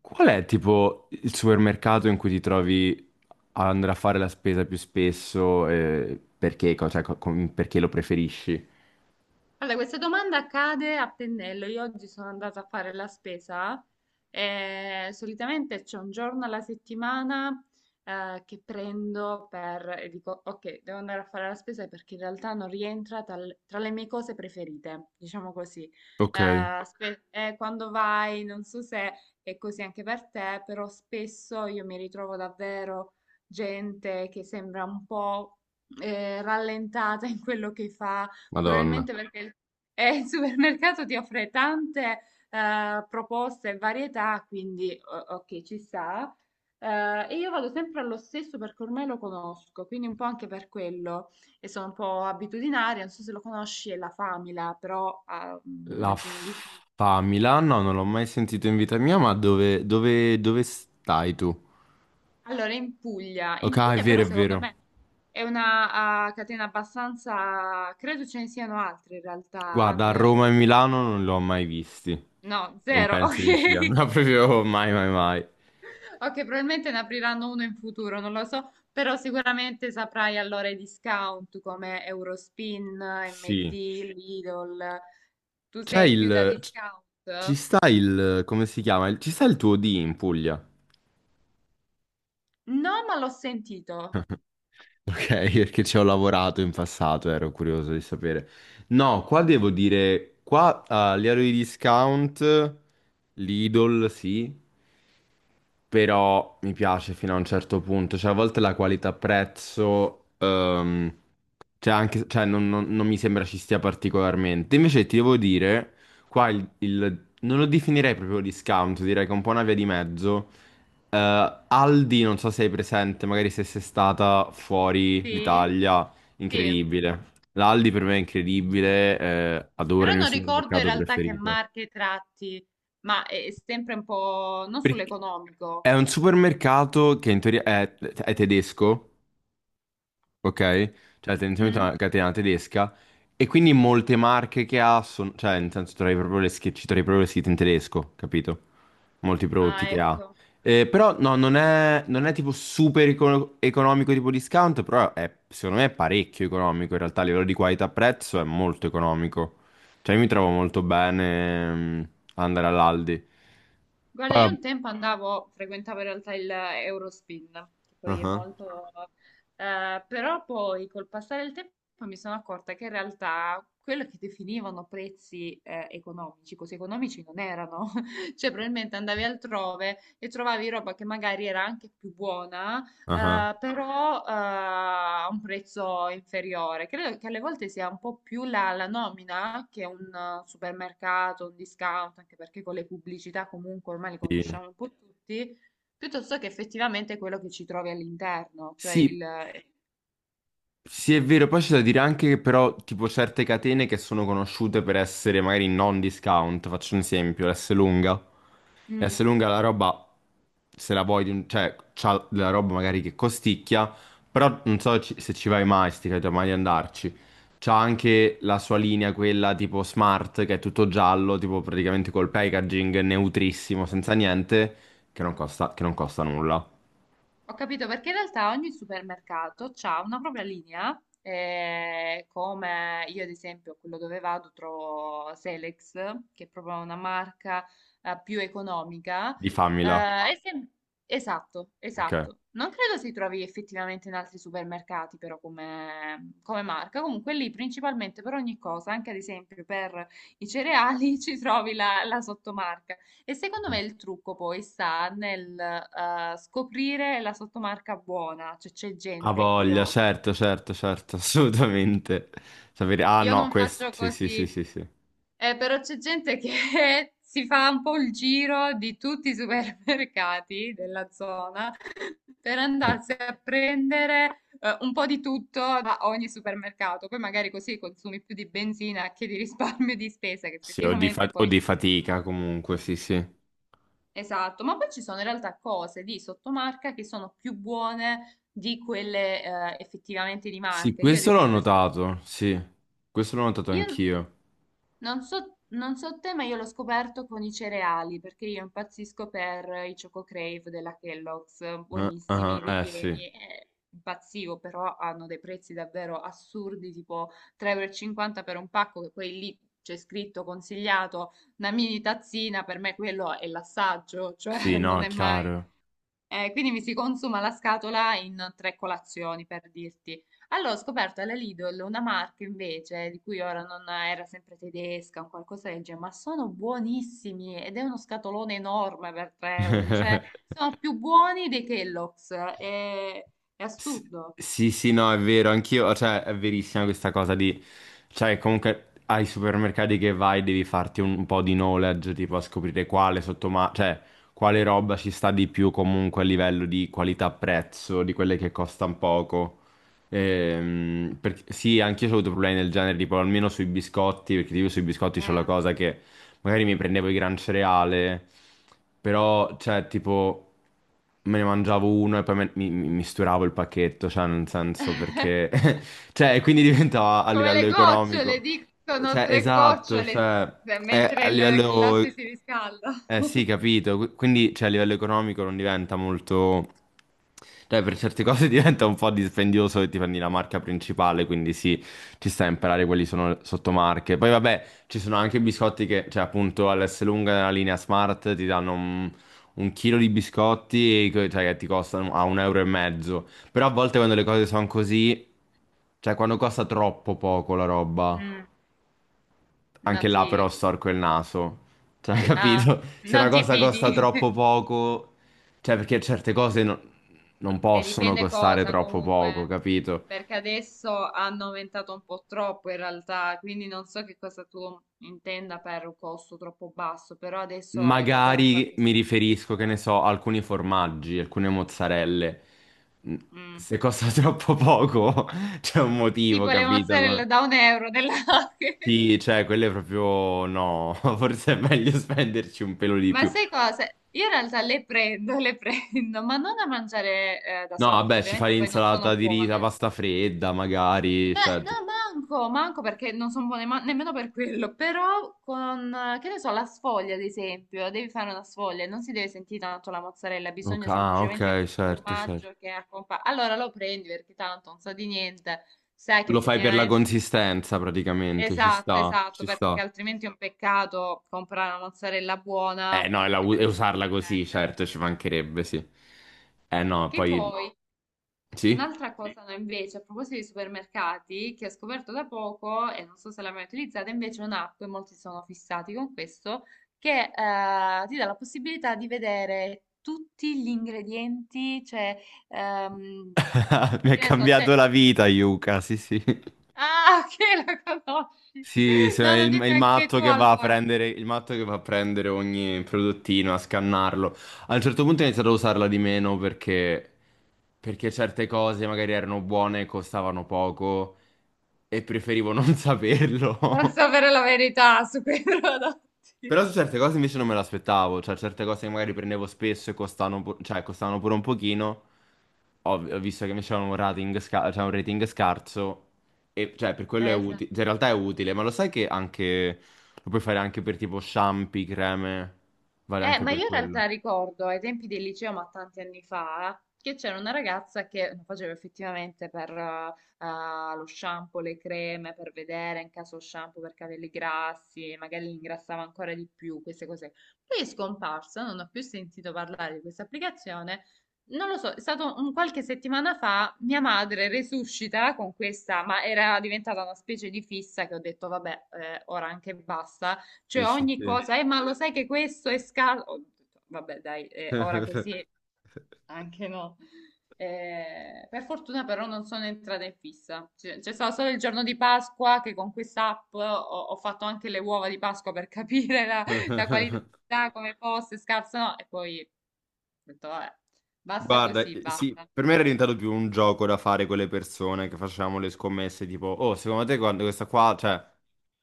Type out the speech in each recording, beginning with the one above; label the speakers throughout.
Speaker 1: Qual è tipo il supermercato in cui ti trovi ad andare a fare la spesa più spesso e perché, perché lo preferisci?
Speaker 2: Allora, questa domanda cade a pennello. Io oggi sono andata a fare la spesa e solitamente c'è un giorno alla settimana che prendo per e dico, ok, devo andare a fare la spesa perché in realtà non rientra tra le mie cose preferite, diciamo così.
Speaker 1: Ok,
Speaker 2: Quando vai, non so se è così anche per te, però spesso io mi ritrovo davvero gente che sembra un po' rallentata in quello che fa.
Speaker 1: Madonna.
Speaker 2: Probabilmente perché il supermercato ti offre tante proposte e varietà, quindi ok, ci sta. E io vado sempre allo stesso perché ormai lo conosco, quindi un po' anche per quello e sono un po' abitudinaria, non so se lo conosci, è la Famila, però
Speaker 1: La
Speaker 2: immagino di sì.
Speaker 1: Famila? No, non l'ho mai sentito in vita mia, ma dove stai tu?
Speaker 2: Allora,
Speaker 1: Ok,
Speaker 2: in
Speaker 1: ah,
Speaker 2: Puglia però
Speaker 1: è
Speaker 2: secondo
Speaker 1: vero.
Speaker 2: me è una catena abbastanza, credo ce ne siano altre in realtà,
Speaker 1: Guarda, a
Speaker 2: non è
Speaker 1: Roma e
Speaker 2: ovviamente,
Speaker 1: Milano non l'ho mai visti.
Speaker 2: no,
Speaker 1: Non
Speaker 2: zero,
Speaker 1: penso di siano
Speaker 2: ok.
Speaker 1: no, proprio mai, mai, mai.
Speaker 2: Ok, probabilmente ne apriranno uno in futuro, non lo so, però sicuramente saprai allora i discount come Eurospin,
Speaker 1: Sì.
Speaker 2: MD, Lidl. Tu
Speaker 1: C'è
Speaker 2: sei più da
Speaker 1: il... c- Ci
Speaker 2: discount?
Speaker 1: sta il... come si chiama? Ci sta il tuo D in Puglia?
Speaker 2: No, ma l'ho sentito.
Speaker 1: Ok, perché ci ho lavorato in passato, ero curioso di sapere. No, qua devo dire, qua a livello di discount, Lidl sì, però mi piace fino a un certo punto, cioè a volte la qualità prezzo cioè, anche, cioè, non mi sembra ci stia particolarmente. Invece ti devo dire, qua non lo definirei proprio discount, direi che è un po' una via di mezzo. Aldi, non so se hai presente, magari se sei stata fuori
Speaker 2: Sì,
Speaker 1: l'Italia,
Speaker 2: sì.
Speaker 1: incredibile. L'Aldi per me è incredibile, adoro
Speaker 2: Però
Speaker 1: il mio
Speaker 2: non ricordo in
Speaker 1: supermercato
Speaker 2: realtà che
Speaker 1: preferito.
Speaker 2: marche tratti, ma è sempre un po' non
Speaker 1: Perché
Speaker 2: sull'economico.
Speaker 1: è un supermercato che in teoria è tedesco. Ok? Cioè tendenzialmente è
Speaker 2: Mm?
Speaker 1: una catena tedesca e quindi molte marche che ha sono, cioè nel senso trovi proprio le schi- ci trovi proprio le scritte in tedesco, capito? Molti prodotti
Speaker 2: Ah,
Speaker 1: che ha.
Speaker 2: ecco.
Speaker 1: Però no, non è tipo economico tipo discount, però è, secondo me è parecchio economico in realtà, a livello di qualità-prezzo è molto economico. Cioè io mi trovo molto bene ad andare all'Aldi.
Speaker 2: Guarda,
Speaker 1: Poi...
Speaker 2: io un tempo andavo, frequentavo in realtà il Eurospin, che
Speaker 1: ah
Speaker 2: poi è
Speaker 1: ah,
Speaker 2: molto. Però poi col passare del tempo mi sono accorta che in realtà quello che definivano prezzi economici, così economici non erano. Cioè, probabilmente andavi altrove e trovavi roba che magari era anche più buona,
Speaker 1: ah ah,
Speaker 2: però a un prezzo inferiore. Credo che alle volte sia un po' più la nomina che un supermercato, un discount, anche perché con le pubblicità comunque ormai le
Speaker 1: sì.
Speaker 2: conosciamo un po' tutti, piuttosto che effettivamente quello che ci trovi all'interno, cioè
Speaker 1: Sì,
Speaker 2: il.
Speaker 1: sì, è vero, poi c'è da dire anche che però tipo certe catene che sono conosciute per essere magari non discount, faccio un esempio, l'Esselunga.
Speaker 2: Mm,
Speaker 1: L'Esselunga la roba, se la vuoi, cioè c'ha della roba magari che costicchia, però non so se ci vai mai, sti cavoli, mai di andarci. C'ha anche la sua linea, quella tipo smart, che è tutto giallo, tipo praticamente col packaging neutrissimo, senza
Speaker 2: ok.
Speaker 1: niente, che non costa nulla.
Speaker 2: Ho capito perché in realtà ogni supermercato ha una propria linea, come io ad esempio quello dove vado trovo Selex, che è proprio una marca più economica.
Speaker 1: Di famila.
Speaker 2: eh, e sem- esatto,
Speaker 1: Ok.
Speaker 2: esatto. Non credo si trovi effettivamente in altri supermercati però come marca. Comunque lì principalmente per ogni cosa, anche ad esempio per i cereali, ci trovi la sottomarca. E secondo me il trucco poi sta nel scoprire la sottomarca buona, cioè c'è
Speaker 1: Ha
Speaker 2: gente, io,
Speaker 1: voglia,
Speaker 2: ovvia-
Speaker 1: certo, certo, certo, assolutamente. Sapere... Ah
Speaker 2: io
Speaker 1: no,
Speaker 2: non
Speaker 1: questo...
Speaker 2: faccio
Speaker 1: Sì, sì, sì,
Speaker 2: così,
Speaker 1: sì, sì.
Speaker 2: però c'è gente che si fa un po' il giro di tutti i supermercati della zona per
Speaker 1: Eh,
Speaker 2: andarsi a prendere un po' di tutto da ogni supermercato, poi magari così consumi più di benzina che di risparmio di spesa, che
Speaker 1: sì,
Speaker 2: effettivamente
Speaker 1: o
Speaker 2: poi.
Speaker 1: di fatica comunque, sì, sì.
Speaker 2: Esatto, ma poi ci sono in realtà cose di sottomarca che sono più buone di quelle effettivamente di
Speaker 1: Sì,
Speaker 2: marca. Io, ad, sì,
Speaker 1: questo l'ho
Speaker 2: esempio,
Speaker 1: notato, sì. Questo l'ho notato
Speaker 2: io
Speaker 1: anch'io.
Speaker 2: non so te, ma io l'ho scoperto con i cereali, perché io impazzisco per i Choco Crave della Kellogg's,
Speaker 1: Ah,
Speaker 2: buonissimi,
Speaker 1: ah,
Speaker 2: ah,
Speaker 1: sì.
Speaker 2: ripieni, impazzivo, però hanno dei prezzi davvero assurdi, tipo 3,50 euro e cinquanta per un pacco, che poi lì c'è scritto consigliato una mini tazzina, per me quello è l'assaggio,
Speaker 1: Sì,
Speaker 2: cioè
Speaker 1: no,
Speaker 2: non
Speaker 1: è
Speaker 2: è, sì, mai
Speaker 1: chiaro.
Speaker 2: quindi mi si consuma la scatola in tre colazioni, per dirti. Allora, ho scoperto alla Lidl una marca invece, di cui ora non era sempre tedesca, un qualcosa del genere, ma sono buonissimi ed è uno scatolone enorme per 3 euro, cioè sono più buoni dei Kellogg's, è
Speaker 1: Sì,
Speaker 2: assurdo.
Speaker 1: sì, sì, no, è vero, anch'io, cioè, è verissima questa cosa di, cioè, comunque ai supermercati che vai devi farti un po' di knowledge, tipo a scoprire cioè, quale roba ci sta di più comunque a livello di qualità-prezzo, di quelle che costano poco. Sì, anch'io ho avuto problemi del genere, tipo almeno sui biscotti, perché tipo sui biscotti c'è la
Speaker 2: eh.
Speaker 1: cosa che magari mi prendevo il gran cereale, però, cioè, tipo, me ne mangiavo uno e poi mi misturavo il pacchetto, cioè, nel senso perché... cioè, e quindi diventava a
Speaker 2: Come
Speaker 1: livello
Speaker 2: le gocciole,
Speaker 1: economico.
Speaker 2: dicono
Speaker 1: Cioè,
Speaker 2: tre
Speaker 1: esatto,
Speaker 2: gocciole,
Speaker 1: cioè, è
Speaker 2: mentre
Speaker 1: a
Speaker 2: il latte
Speaker 1: livello...
Speaker 2: si riscalda.
Speaker 1: Eh sì, capito. Quindi, cioè, a livello economico non diventa molto... Cioè, per certe cose diventa un po' dispendioso che ti prendi la marca principale, quindi sì, ci sta a imparare quali sono le sottomarche. Poi vabbè, ci sono anche biscotti che, cioè appunto all'Esselunga nella linea Smart ti danno un chilo di biscotti e, cioè, che ti costano a un euro e mezzo. Però a volte quando le cose sono così, cioè quando costa troppo poco la roba,
Speaker 2: Mm, no,
Speaker 1: anche là però
Speaker 2: ti,
Speaker 1: storco il naso. Cioè,
Speaker 2: ah,
Speaker 1: capito? Se una
Speaker 2: non ti
Speaker 1: cosa costa
Speaker 2: fidi?
Speaker 1: troppo poco, cioè perché certe cose non
Speaker 2: E
Speaker 1: possono
Speaker 2: dipende
Speaker 1: costare
Speaker 2: cosa
Speaker 1: troppo poco,
Speaker 2: comunque,
Speaker 1: capito?
Speaker 2: perché adesso hanno aumentato un po' troppo in realtà, quindi non so che cosa tu intenda per un costo troppo basso, però adesso è davvero un
Speaker 1: Magari
Speaker 2: qualcosa
Speaker 1: mi
Speaker 2: di assurdo,
Speaker 1: riferisco, che ne so, a alcuni formaggi, alcune mozzarelle. Mm,
Speaker 2: eh. Mm.
Speaker 1: se costa troppo poco, c'è un motivo,
Speaker 2: Tipo le
Speaker 1: capito? Co-
Speaker 2: mozzarella da 1 € della.
Speaker 1: sì, cioè, quelle proprio no. Forse è meglio spenderci un pelo di
Speaker 2: Ma
Speaker 1: più.
Speaker 2: sai cosa? Io in realtà le prendo, ma non a mangiare da
Speaker 1: No,
Speaker 2: sola, perché
Speaker 1: vabbè, ci fai
Speaker 2: ovviamente poi non sono
Speaker 1: l'insalata di riso, la
Speaker 2: buone.
Speaker 1: pasta fredda, magari.
Speaker 2: Beh,
Speaker 1: Cioè...
Speaker 2: no, manco perché non sono buone nemmeno per quello, però con, che ne so, la sfoglia ad esempio, devi fare una sfoglia, non si deve sentire tanto la mozzarella,
Speaker 1: Ok,
Speaker 2: bisogna
Speaker 1: ah,
Speaker 2: semplicemente di
Speaker 1: ok,
Speaker 2: un
Speaker 1: certo, certo.
Speaker 2: formaggio che accompagna. Allora lo prendi perché tanto non sa di niente, sai che
Speaker 1: Lo fai per la
Speaker 2: effettivamente.
Speaker 1: consistenza, praticamente, ci
Speaker 2: Esatto,
Speaker 1: sta,
Speaker 2: esatto,
Speaker 1: ci
Speaker 2: perché
Speaker 1: sta.
Speaker 2: altrimenti è un peccato comprare una mozzarella buona
Speaker 1: Eh no, e la
Speaker 2: e
Speaker 1: e
Speaker 2: poi farsi
Speaker 1: usarla così,
Speaker 2: perdere.
Speaker 1: certo, ci mancherebbe, sì. Eh no,
Speaker 2: Che
Speaker 1: poi
Speaker 2: poi.
Speaker 1: sì?
Speaker 2: Un'altra, sì, cosa no, invece, a proposito di supermercati, che ho scoperto da poco e non so se l'hai mai utilizzata, invece è un'app, e molti sono fissati con questo, che ti dà la possibilità di vedere tutti gli ingredienti, cioè, ehm,
Speaker 1: Mi ha
Speaker 2: che ne so, c'è.
Speaker 1: cambiato la vita, Yuka, sì, sì.
Speaker 2: Ah, che la conosci!
Speaker 1: Sì,
Speaker 2: No,
Speaker 1: è
Speaker 2: non dimmi
Speaker 1: è il
Speaker 2: anche tu
Speaker 1: matto che va a
Speaker 2: allora.
Speaker 1: prendere, il matto che va a prendere ogni prodottino, a scannarlo. A un certo punto ho iniziato a usarla di meno perché certe cose magari erano buone, costavano poco e preferivo non saperlo.
Speaker 2: Non sapere la verità su quei prodotti.
Speaker 1: Però su certe cose invece non me l'aspettavo, cioè certe cose che magari prendevo spesso e costavano, cioè, costavano pure un pochino, ho visto che invece avevano un rating, cioè, un rating scarso, e cioè per quello è
Speaker 2: Sì.
Speaker 1: utile, in realtà è utile, ma lo sai che anche, lo puoi fare anche per tipo shampoo, creme, vale
Speaker 2: Eh,
Speaker 1: anche
Speaker 2: ma
Speaker 1: per
Speaker 2: io in
Speaker 1: quello.
Speaker 2: realtà ricordo ai tempi del liceo, ma tanti anni fa, che c'era una ragazza che lo faceva effettivamente per lo shampoo, le creme, per vedere in caso shampoo per capelli grassi, magari li ingrassava ancora di più, queste cose. Poi è scomparsa, non ho più sentito parlare di questa applicazione. Non lo so, è stato un qualche settimana fa, mia madre resuscita con questa, ma era diventata una specie di fissa che ho detto, vabbè, ora anche basta.
Speaker 1: Sì,
Speaker 2: Cioè
Speaker 1: sì,
Speaker 2: ogni
Speaker 1: sì.
Speaker 2: cosa, ma lo sai che questo è scarso? Ho detto, vabbè, dai, ora così anche no. Per fortuna però non sono entrata in fissa. C'è stato solo il giorno di Pasqua che con quest'app ho fatto anche le uova di Pasqua per capire la qualità, come fosse, scarsa o no. E poi ho detto, vabbè, basta
Speaker 1: Guarda,
Speaker 2: così,
Speaker 1: sì,
Speaker 2: basta.
Speaker 1: per me era diventato più un gioco da fare con le persone che facevamo le scommesse, tipo, oh, secondo te quando questa qua, cioè,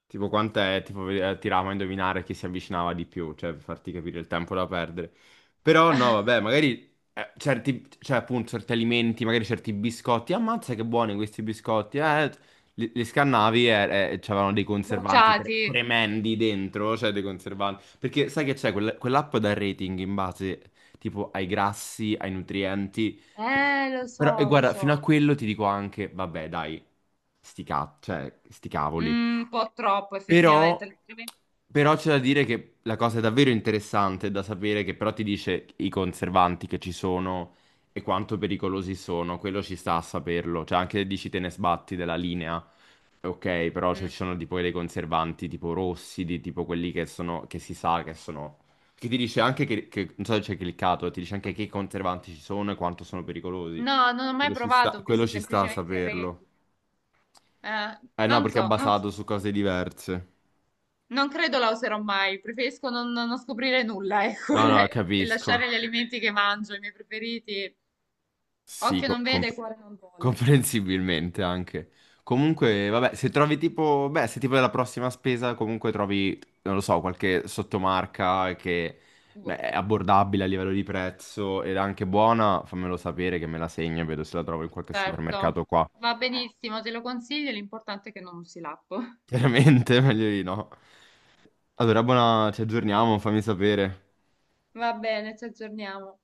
Speaker 1: tipo quant'è, tipo tiravamo a indovinare chi si avvicinava di più, cioè, per farti capire il tempo da perdere. Però no, vabbè, magari certi, cioè, appunto, certi alimenti, magari certi biscotti, ammazza che buoni questi biscotti, li scannavi e c'avevano dei conservanti
Speaker 2: Bocciati.
Speaker 1: tremendi dentro, cioè dei conservanti. Perché sai che c'è quell'app da rating in base tipo ai grassi, ai nutrienti.
Speaker 2: Lo
Speaker 1: Però, e
Speaker 2: so, lo
Speaker 1: guarda, fino a
Speaker 2: so.
Speaker 1: quello ti dico anche, vabbè, dai, sti, cioè, sti cavoli.
Speaker 2: Mm, un po' troppo effettivamente.
Speaker 1: Però, però c'è da dire che la cosa è davvero interessante da sapere che però ti dice i conservanti che ci sono e quanto pericolosi sono, quello ci sta a saperlo. Cioè anche se dici te ne sbatti della linea, ok, però cioè,
Speaker 2: Mm.
Speaker 1: ci sono tipo dei conservanti tipo rossi, di tipo quelli che sono, che si sa che sono... Che ti dice anche non so se c'è cliccato, ti dice anche che conservanti ci sono e quanto sono pericolosi.
Speaker 2: No, non ho mai provato, ho
Speaker 1: Quello
Speaker 2: visto
Speaker 1: ci sta a
Speaker 2: semplicemente
Speaker 1: saperlo.
Speaker 2: reti.
Speaker 1: Eh no,
Speaker 2: Non
Speaker 1: perché è
Speaker 2: so,
Speaker 1: basato su cose diverse.
Speaker 2: non credo la userò mai, preferisco non scoprire nulla, ecco,
Speaker 1: No, no,
Speaker 2: e lasciare
Speaker 1: capisco.
Speaker 2: gli alimenti che mangio, i miei preferiti.
Speaker 1: Sì,
Speaker 2: Occhio non vede, cuore non vuole.
Speaker 1: comprensibilmente anche. Comunque, vabbè, se trovi tipo, beh, se tipo della prossima spesa, comunque trovi, non lo so, qualche sottomarca che beh,
Speaker 2: Boh,
Speaker 1: è abbordabile a livello di prezzo ed è anche buona, fammelo sapere che me la segno e vedo se la trovo in qualche
Speaker 2: certo,
Speaker 1: supermercato qua.
Speaker 2: va benissimo, te lo consiglio, l'importante è che non usi l'app.
Speaker 1: Chiaramente, meglio di no. Allora, buona, ci aggiorniamo, fammi sapere.
Speaker 2: Va bene, ci aggiorniamo.